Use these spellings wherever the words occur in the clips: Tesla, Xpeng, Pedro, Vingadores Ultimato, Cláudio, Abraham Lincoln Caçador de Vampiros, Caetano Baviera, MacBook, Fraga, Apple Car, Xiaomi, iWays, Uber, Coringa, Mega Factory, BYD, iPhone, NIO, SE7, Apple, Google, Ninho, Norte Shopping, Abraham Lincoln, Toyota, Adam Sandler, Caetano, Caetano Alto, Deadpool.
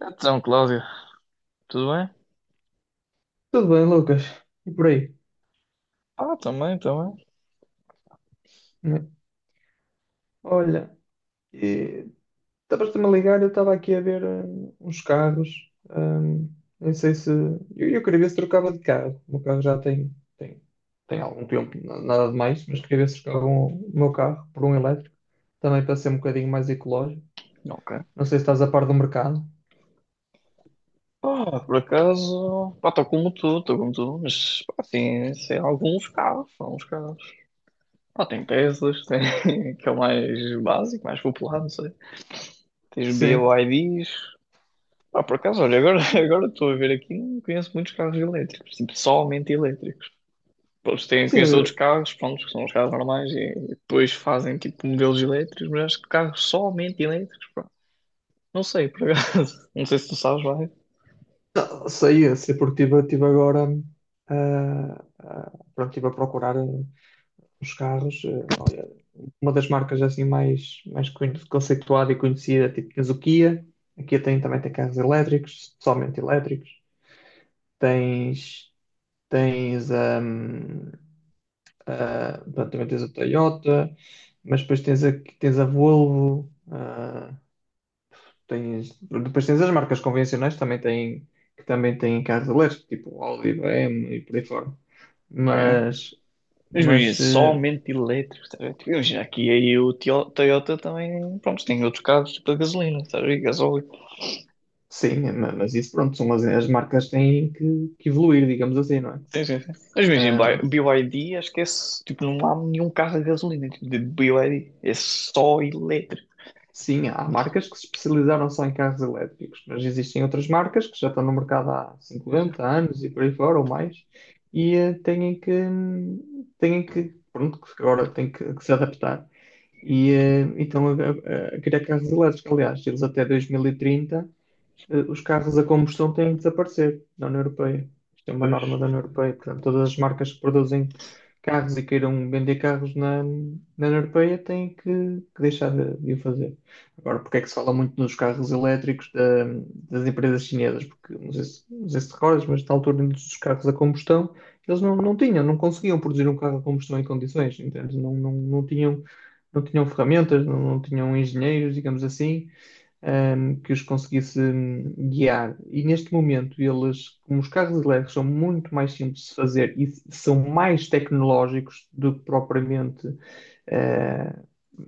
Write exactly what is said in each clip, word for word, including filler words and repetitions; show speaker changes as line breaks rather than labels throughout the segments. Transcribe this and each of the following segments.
Então, Cláudio, tudo bem?
Tudo bem, Lucas? E por aí?
Ah, também, também.
Né? Olha, e estavas-te-me a ligar, eu estava aqui a ver hum, uns carros. Hum, não sei se. Eu, eu queria ver se trocava de carro. O meu carro já tem, tem, tem algum tempo, na- nada de mais, mas queria ver se trocava um- o meu carro por um elétrico, também para ser um bocadinho mais ecológico.
Ok.
Não sei se estás a par do mercado.
Ah, por acaso, pá, estou como tu, estou como tu, mas, pá, assim, sei, alguns carros, alguns carros. Ah, tem Teslas, tem, que é o mais básico, mais popular, não sei. Tens
Sim.
B Y Ds. Ah, por acaso, olha, agora agora estou a ver aqui, não conheço muitos carros elétricos, tipo, somente elétricos. Pois tem,
Sim,
conheço outros
eu
carros, pronto, que são os carros normais e depois fazem, tipo, modelos elétricos, mas acho que carros somente elétricos, pá. Não sei, por acaso. Não sei se tu sabes, vai.
não, sei, eu sei porque estive tive tive agora. Hum, ah, ah, pronto, estive a procurar hum, os carros. eh, Olha, uma das marcas assim mais, mais con- conceituada e conhecida, tipo tens o Kia, a Kia tem, também tem carros elétricos, somente elétricos, tens, tens, hum, a- pronto, também tens a Toyota, mas depois tens a, tens a Volvo, ah, tens, depois tens as marcas convencionais também têm, que também têm carros elétricos, tipo Audi, B M W e por aí fora.
Ah, é?
Mas,
Mas imagina,
mas
só
eh,
elétrico, tá a ver? Tipo, imagina, aqui aí o Tio- Toyota também, pronto, tem outros carros tipo a gasolina, tá a ver? Gasóleo.
sim, ma- mas isso, pronto, são as, as marcas têm que, que evoluir, digamos assim, não é?
Sim, sim, sim. Mas imagina,
Ahm,
bi- B Y D, acho que é, s- tipo, não há nenhum carro a gasolina, tipo, de B Y D, é só elétrico.
sim, há marcas que se especializaram só em carros elétricos, mas existem outras marcas que já estão no mercado há cinquenta anos e por aí fora ou mais, e eh, têm que, têm que, pronto, que agora têm que, que se adaptar. E eh, então a, a- a criar carros elétricos. Aliás, eles até dois mil e trinta eh, os carros a combustão têm de desaparecer da União Europeia. Isto é uma norma
Pois.
da União Europeia. Portanto, todas as marcas que produzem carros e queiram vender carros na, na União Europeia têm que, que deixar de, de o fazer. Agora, porque é que se fala muito nos carros elétricos da- das empresas chinesas? Porque, não sei se, não sei se te recordas, mas na altura dos carros a combustão, eles não, não tinham, não conseguiam produzir um carro a combustão em condições, entende? Não, não, não tinham, não tinham ferramentas, não, não tinham engenheiros, digamos assim, hum, que os conseguisse hum, guiar. E neste momento, eles, como os carros elétricos são muito mais simples de fazer e s- são mais tecnológicos do que propriamente. eh,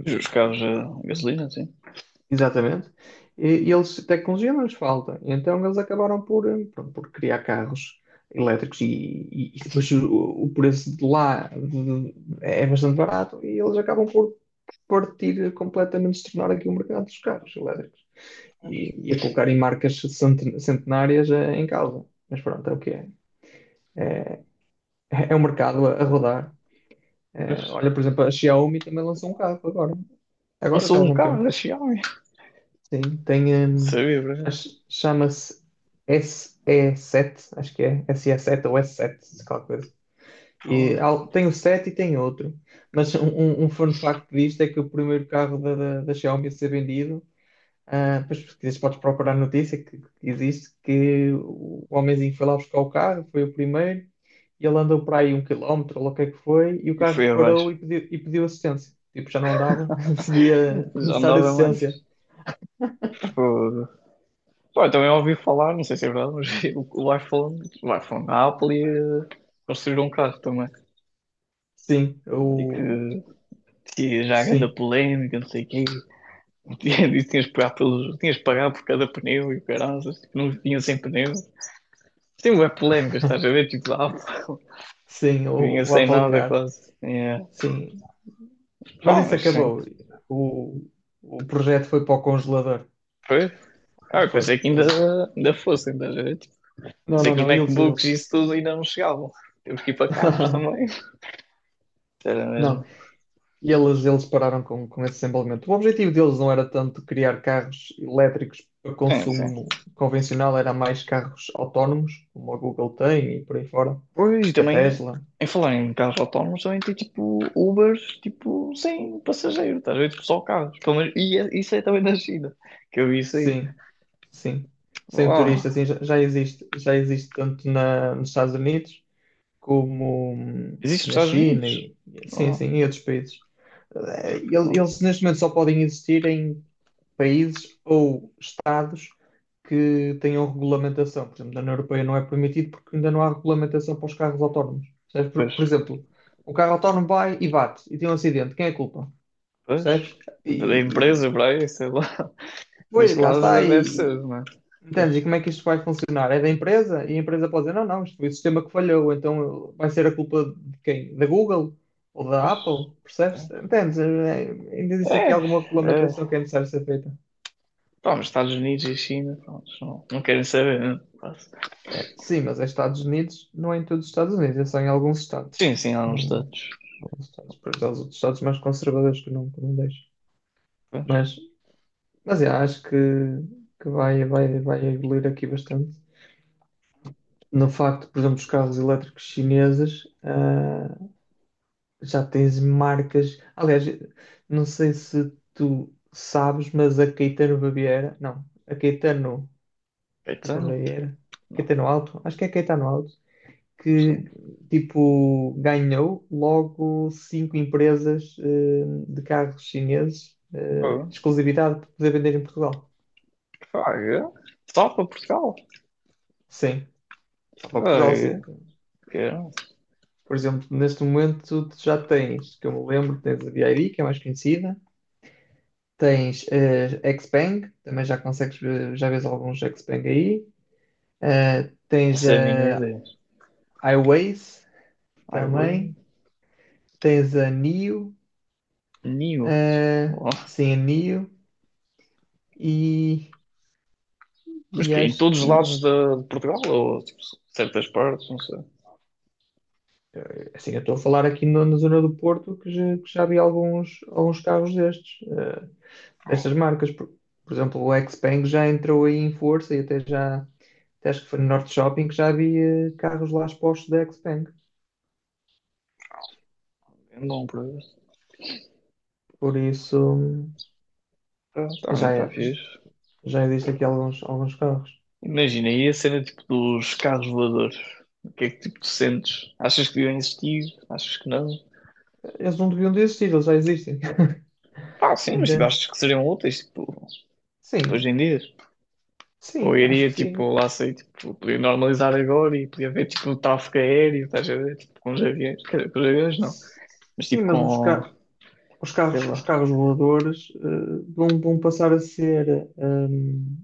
Mas os carros a gasolina, sim.
Exatamente. E, e eles, tecnologia não lhes falta. Então, eles acabaram por, hum, pronto, por criar carros elétricos. E, e- e depois o, o preço de lá de- é bastante barato, e eles acabam por partir completamente, se tornar aqui o mercado dos carros elétricos e, e a colocarem marcas centen- centenárias eh, em causa. Mas pronto, é o que é. É é o mercado a, a rodar.
Pois.
Eh, olha, por exemplo, a Xiaomi também lançou um carro agora.
Não
Agora
sou
já há
um
algum
carro
tempo.
da Xiaomi,
Sim, tem.
não
Hum,
sabia, por acaso.
ch- chama-se S E seven, acho que é. S E sete ou S sete, se qualquer coisa. E
Fogo.
há- tem o sete e tem outro. Mas um, um um fun fact disto é que o primeiro carro da, da, da Xiaomi a ser vendido. Ah, depois, se quiseres, podes procurar a notícia que que existe, que o homenzinho foi lá buscar o carro, foi o primeiro, e ele andou para aí um quilómetro, ou lá o que é que foi, e o
E foi
carro
abaixo,
parou e pediu, e pediu assistência. Tipo, já não andava, seria
já
necessária
andava
assistência.
mais. Fogo. Pá, eu também ouvi falar, não sei se é verdade, mas o, o iPhone, o iPhone, a Apple ia construir um carro também.
Sim,
E que
o,
tinha já a grande
sim,
polémica, não sei o quê. E tinhas de pagar pelos, tinhas de pagar por cada pneu e o caraças, tipo, não vinha sem pneu. Tem uma polémica, estás a ver? Tipo, a Apple
sim,
vinha
o, o
sem
Apple
nada
Car,
quase. Yeah.
sim.
Pá,
Mas isso
mas sim,
acabou. O, o projeto foi para o congelador.
foi. Ah,
Ah,
eu
foi.
pensei que ainda,
Eles,
ainda fossem, estás a ver? Tipo,
não,
pensei
não,
que os
não, eles,
MacBooks
eles.
e isso tudo ainda não chegavam. Temos que ir para carros também. Era
Não.
mesmo.
E eles, eles pararam com, com esse desenvolvimento. O objetivo deles não era tanto criar carros elétricos para
Sim, sim.
consumo convencional, era mais carros autónomos, como a Google tem e por aí fora,
Pois, e
e a
também,
Tesla.
em falar em carros autónomos, também tem tipo Ubers, tipo, sem passageiro, estás a ver? Tipo, só carros. Pelo menos, e é- isso é também da China, que eu vi isso aí.
Sim, sim. Sem
Uau,
turista, assim, já, já existe, já existe tanto na, nos Estados Unidos como hum,
existe nos
na
Estados
China.
Unidos?
E e- sim, sim,
Uau,
em outros países. Eh, el-
uau.
Eles neste momento só podem existir em países ou estados que tenham regulamentação. Por exemplo, na União Europeia não é permitido porque ainda não há regulamentação para os carros autónomos. Percebes? Por,
Pois,
por exemplo, o carro autónomo vai e bate e tem um acidente. Quem é a culpa?
pois.
Percebes?
Da
E, e-
empresa para aí, sei lá.
Pois,
Neste
lá
caso,
está.
deve ser,
E,
não é?
entendes? E
Pois,
como é que isto vai funcionar? É da empresa? E a empresa pode dizer, não, não, isto foi o sistema que falhou, então vai ser a culpa de quem? Da Google? Ou da
pois.
Apple? Percebes? Entendes? É, é, Ainda existe
É,
aqui alguma
é.
regulamentação que é necessário ser feita.
Pá, mas Estados Unidos e China, pronto, não, não querem saber, né? Quase.
É, sim, mas é Estados Unidos, não é em todos os Estados Unidos, é só em alguns
Sim,
estados.
sim, há
Não,
uns status.
alguns estados, para já os outros estados mais conservadores que não, que não deixam.
Pois.
Mas, mas é, acho que, que vai, vai, vai evoluir aqui bastante. No facto, por exemplo, dos carros elétricos chineses. ah, Já tens marcas. Aliás, não sei se tu sabes, mas a Caetano Baviera, não, a Caetano, Caetano
Caetano?
Baviera,
Não,
Caetano Alto, acho que é Caetano Alto,
não
que tipo ganhou logo cinco empresas eh, de carros chineses, eh,
sei.
exclusividade para poder vender em Portugal.
Fraga. Só para Portugal.
Sim, só para Portugal,
Fraga.
sim.
Que eu não
Por exemplo, neste momento tu já tens, que eu me lembro, tens a B Y D, que é mais conhecida. Tens eh, Xpeng, também já consegues ver, já vês alguns Xpeng aí. Eh, tens
faço a mínima
a
ideia.
iWays
Ai, bem.
também. Tens a nio,
Ninho.
eh,
Oh.
sim, a N I O. E,
Mas
e
que em
acho
todos os
que,
lados de, de Portugal ou tipo, certas partes, não sei.
assim, eu estou a falar aqui no- na zona do Porto que já, que já vi alguns, alguns carros destes, eh, destas marcas. Por, por exemplo, o Xpeng já entrou aí em força e, até já, até acho que foi no Norte Shopping que já havia carros lá expostos da Xpeng.
Não, por para
Por isso.
ah, tá, não
Já,
está
é,
fixe.
já existem aqui alguns, alguns carros.
Imagina aí a cena tipo dos carros voadores. O que é que tipo tu sentes? Achas que deviam existir? Achas que não?
Eles não deviam de existir, eles já existem.
Pá, sim, mas tipo,
Entende?
achas que seriam úteis tipo,
Sim,
hoje em dia? Ou
sim, acho
iria,
que
tipo,
sim.
lá sei, tipo, podia normalizar agora e podia ver, tipo, um tráfego aéreo, estás a ver, tipo, com os aviões, quer dizer, com os aviões não, mas
Sim,
tipo
mas os,
com,
ca- os
sei
carros, os
lá,
carros voadores, eh, vão, vão passar a ser, hum,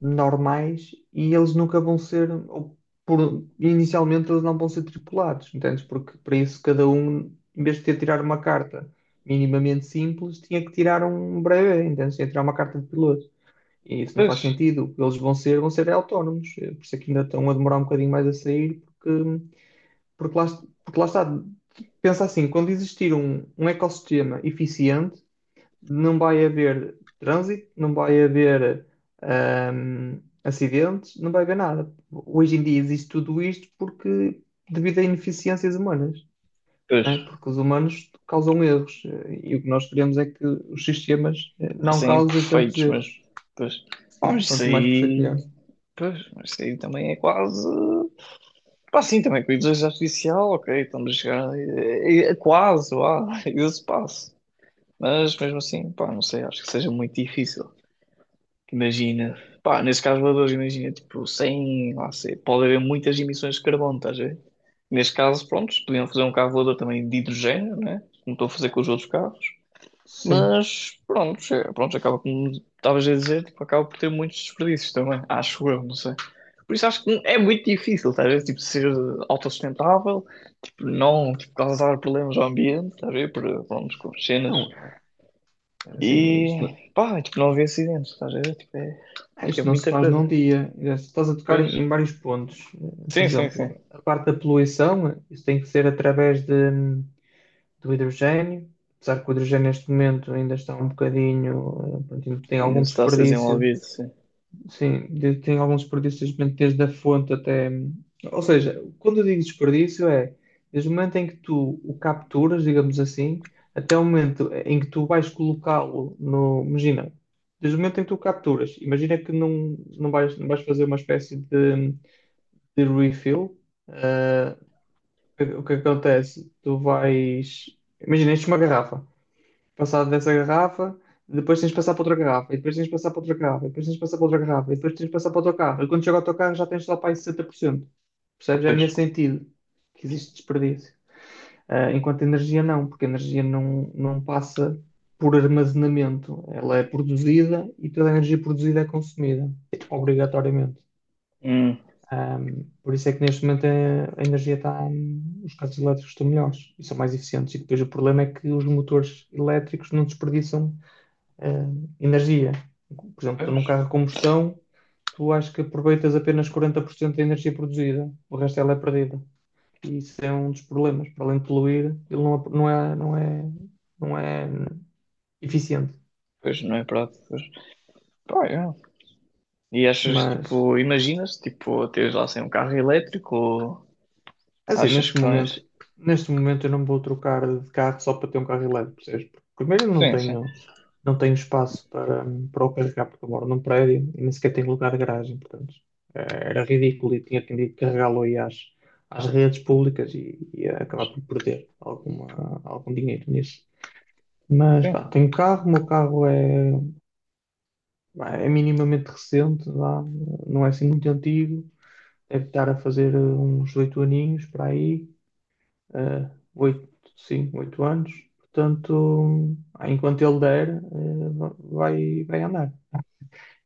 normais, e eles nunca vão ser, ou por- inicialmente eles não vão ser tripulados, entendes? Porque para isso cada um, em vez de ter tirar uma carta minimamente simples, tinha que tirar um breve, entendes? Tinha que tirar uma carta de piloto. E isso não faz
pois,
sentido. O que eles vão ser, vão ser autónomos. Eh, Por isso é que ainda estão a demorar um bocadinho mais a sair, porque, porque, lá, porque lá está. Pensa assim, quando existir um, um ecossistema eficiente, não vai haver trânsito, não vai haver ahm, acidentes, não vai haver nada. Hoje em dia existe tudo isto porque devido a ineficiências humanas,
pois,
né? Porque os humanos causam erros, eh, e o que nós queremos é que os sistemas eh, não
fossem
causem tantos
imperfeitos mas,
erros.
pois, pá,
Sim,
mas isso
quanto mais perfeito,
aí,
melhor.
pois, mas isso aí também é quase, pá, sim, também com a inteligência artificial, ok, estamos a chegar, é, é- é quase, lá, esse passo, mas mesmo assim, pá, não sei, acho que seja muito difícil, imagina, pá, nesses carros voadores, imagina, tipo, sem, lá sei, pode haver muitas emissões de carbono, estás a ver? Neste caso, pronto, podiam fazer um carro voador também de hidrogênio, né? Como estou a fazer com os outros carros,
Sim.
mas pronto, é- pronto, acaba como estavas a dizer, tipo, acaba por ter muitos desperdícios também, acho eu, não sei. Por isso acho que é muito difícil, estás a ver? Tipo, ser autossustentável, tipo, não, tipo, causar problemas ao ambiente, estás a ver? Por, pronto, com cenas.
Não, assim, isto
E, pá, tipo, não haver acidentes, estás a ver? Tipo, é,
não,
acho que é
isto não se
muita
faz num
coisa.
dia. Estás a tocar
Pois.
em, em vários pontos. eh, Por
Sim, sim, sim.
exemplo, a parte da poluição, isso tem que ser através de, do hidrogênio. Apesar que o hidrogênio neste momento ainda está um bocadinho, eh, pronto, ainda tem
Ainda
algum
está a ser
desperdício.
desenvolvido, sim.
Sim, de- tem alguns desperdícios mesmo desde a fonte até. Ou seja, quando eu digo desperdício é desde o momento em que tu o capturas, digamos assim, até o momento em que tu vais colocá-lo no. Imagina, desde o momento em que tu o capturas, imagina que não, não vais, não vais fazer uma espécie de, de refill. eh, o que o que acontece? Tu vais. Imagina, enches uma garrafa, passado dessa garrafa, depois tens de passar para outra garrafa, e depois tens de passar para outra garrafa, e depois tens de passar para outra garrafa, e depois tens de passar para o teu carro. E quando chega ao teu carro já tens só para aí sessenta por cento. Percebes? É
Pois.
nesse sentido que existe desperdício. Ah, enquanto a energia não, porque a energia não, não passa por armazenamento. Ela é produzida, e toda a energia produzida é consumida, obrigatoriamente.
Hum.
Ah, por isso é que neste momento a, a energia está. Os carros elétricos estão melhores e são mais eficientes. E depois o problema é que os motores elétricos não desperdiçam eh, energia. Por exemplo, tu
Pois.
num carro a combustão, tu acho que aproveitas apenas quarenta por cento da energia produzida, o resto ela é perdida. E isso é um dos problemas. Para além de poluir, ele não, não é, não é, não é eficiente.
Pois, não é prático. Pois. Pá, é. E achas,
Mas
tipo, imaginas, tipo, teres lá sem um carro elétrico ou
é assim,
achas
neste
que
momento,
vais.
neste momento eu não vou trocar de carro só para ter um carro elétrico, percebes? Porque primeiro eu não
Sim, sim.
tenho, não tenho espaço para, para o carregar, porque eu moro num prédio e nem sequer tenho lugar de garagem, portanto, eh, era ridículo e tinha que carregá-lo aí às, às redes públicas e ia
Pois.
acabar por perder alguma, algum dinheiro nisso. Mas
Sim.
pá, tenho carro, o meu carro é, é minimamente recente, vá, não é assim muito antigo, deve estar a fazer eh, uns oito aninhos para aí, eh, oito, sim, oito anos. Portanto, ah, enquanto ele der, eh, vai, vai andar.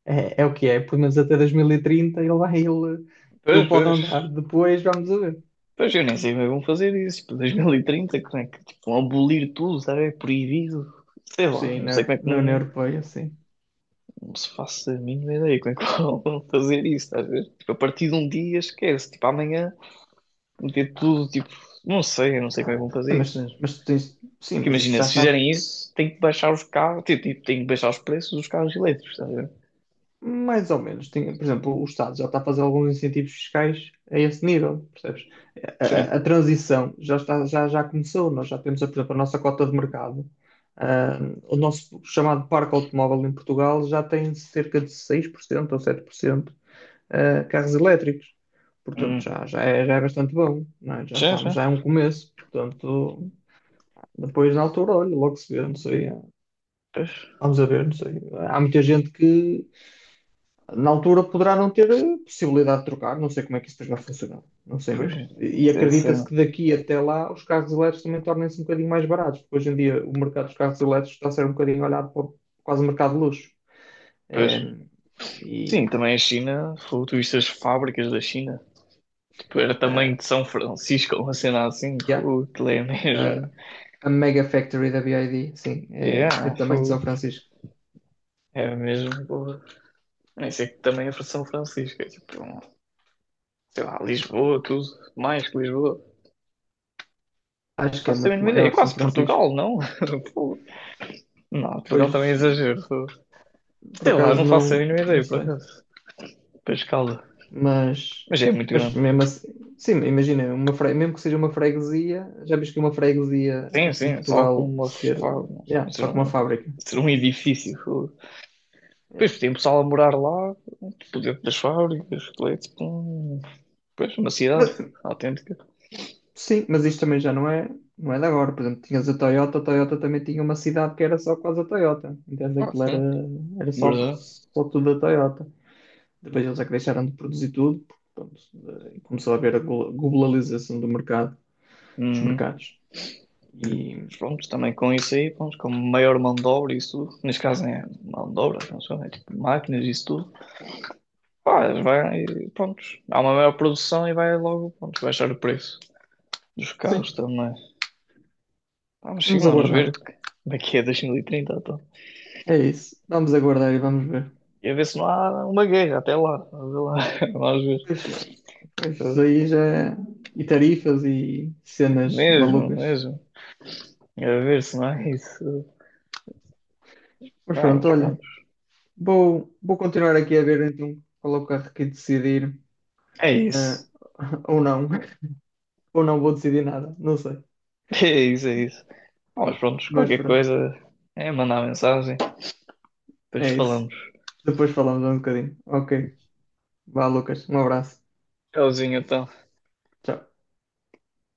É, é o que é, pelo menos até dois mil e trinta ele vai, ele,
Pois,
ele pode
pois.
andar. Depois vamos a ver.
Pois eu nem sei como é que vão fazer isso. Tipo, dois mil e trinta, como é que tipo, vão abolir tudo, sabe? É proibido. Sei lá,
Sim,
não sei
na,
como é que
na União
não,
Europeia, sim.
não se faça a mínima ideia como é que vão fazer isso, estás a ver? Tipo, a partir de um dia esquece, tipo, amanhã meter
Ah,
tudo, tipo, não sei, eu não sei como é que vão
sim,
fazer isso
mas,
mesmo.
mas tens- sim,
Porque
mas isto
imagina,
já
se
está.
fizerem isso, tem que baixar os carros, tipo, tipo, tem que baixar os preços dos carros elétricos, estás a ver?
Mais ou menos. Tem, por exemplo, o Estado já está a fazer alguns incentivos fiscais a esse nível, percebes? A,
Sim.
a- a transição já está, já, já começou. Nós já temos, por exemplo, a nossa cota de mercado. Ah, o nosso chamado parque automóvel em Portugal já tem cerca de seis por cento ou sete por cento ah, carros elétricos. Portanto,
Hum.
já, já, é, já é bastante bom. Não é? Já
Sim,
estamos,
sim.
já é um começo. Portanto, depois na altura, olha, logo se vê, não sei.
Pois,
Vamos a ver, não sei. Há muita gente que na altura poderá não ter eh, possibilidade de trocar, não sei como é que isso vai funcionar, não sei
pois,
mesmo. E e
isso é a
acredita-se
cena.
que daqui até lá os carros elétricos também tornem-se um bocadinho mais baratos, porque hoje em dia o mercado dos carros elétricos está a ser um bocadinho olhado para o- quase o mercado de luxo.
Pois.
Eh,
Sim,
e
também a China, fogo, tu viste as fábricas da China, tipo, era
ah,
tamanho de São Francisco, uma cena assim,
yeah,
fogo, aquilo é
ah,
mesmo.
a Mega Factory da B Y D, sim, é, é
Yeah,
também de
fogo,
São Francisco.
é mesmo, fogo. Isso é que também é para São Francisco, é tipo, sei lá, Lisboa, tudo, mais que Lisboa.
Acho que é
Faço a
muito
mínima ideia.
maior São
Quase
Francisco.
Portugal, não? Pô, não, Portugal também é
Pois,
exagero.
por
Sei lá,
acaso,
não faço a
não,
mínima
não
ideia, por
sei.
acaso. Para a escala.
Mas,
Mas é muito
mas
grande.
mesmo assim, sim, imagina, uma fre- mesmo que seja uma freguesia, já viste que uma freguesia
Sim, sim,
aqui em
é só como
Portugal
uma.
ser, yeah,
Ser
só com uma
um,
fábrica.
ser um edifício. Pô.
Yeah.
Depois tem pessoal a morar lá, tipo, dentro das fábricas, leite, pum. Pois, uma cidade
Mas,
autêntica.
sim, mas isto também já não é, não é de agora. Por exemplo, tinhas a Toyota, a Toyota também tinha uma cidade que era só quase a Toyota. Entende?
Ah,
Aquilo era,
sim,
era só,
verdade.
só tudo a Toyota. Depois eles é que deixaram de produzir tudo, porque, pronto, eh, começou a haver a glo- globalização do mercado, dos
Uhum.
mercados. E
Mas pronto, também com isso aí, pronto, com maior mão de obra e isso tudo. Neste caso é mão de obra, não sei, é tipo máquinas e isso tudo. Pá, vai, pronto, há uma maior produção e vai logo, pronto, baixar o preço dos carros
sim,
também. Vamos sim,
vamos
vamos ver
aguardar.
que- daqui a dois mil e trinta, então.
É isso. Vamos aguardar e vamos ver.
E a ver se não há uma guerra até lá. Vamos ver. Lá. Vamos
Pois, é, pois isso
ver.
aí já é- e tarifas e cenas
Mesmo,
malucas.
mesmo. A ver se não é isso.
Mas
Vamos,
pronto, olha,
pronto.
vou, vou continuar aqui a ver então qual é o carro que decidir,
É
eh,
isso.
ou não, ou não vou decidir nada, não sei.
É isso, é isso. Vamos, pronto,
Mas
qualquer
pronto,
coisa é mandar mensagem. Depois
é isso.
falamos.
Depois falamos um bocadinho. Ok. Vá, Lucas, um abraço.
Tchauzinho, então.
Tchau.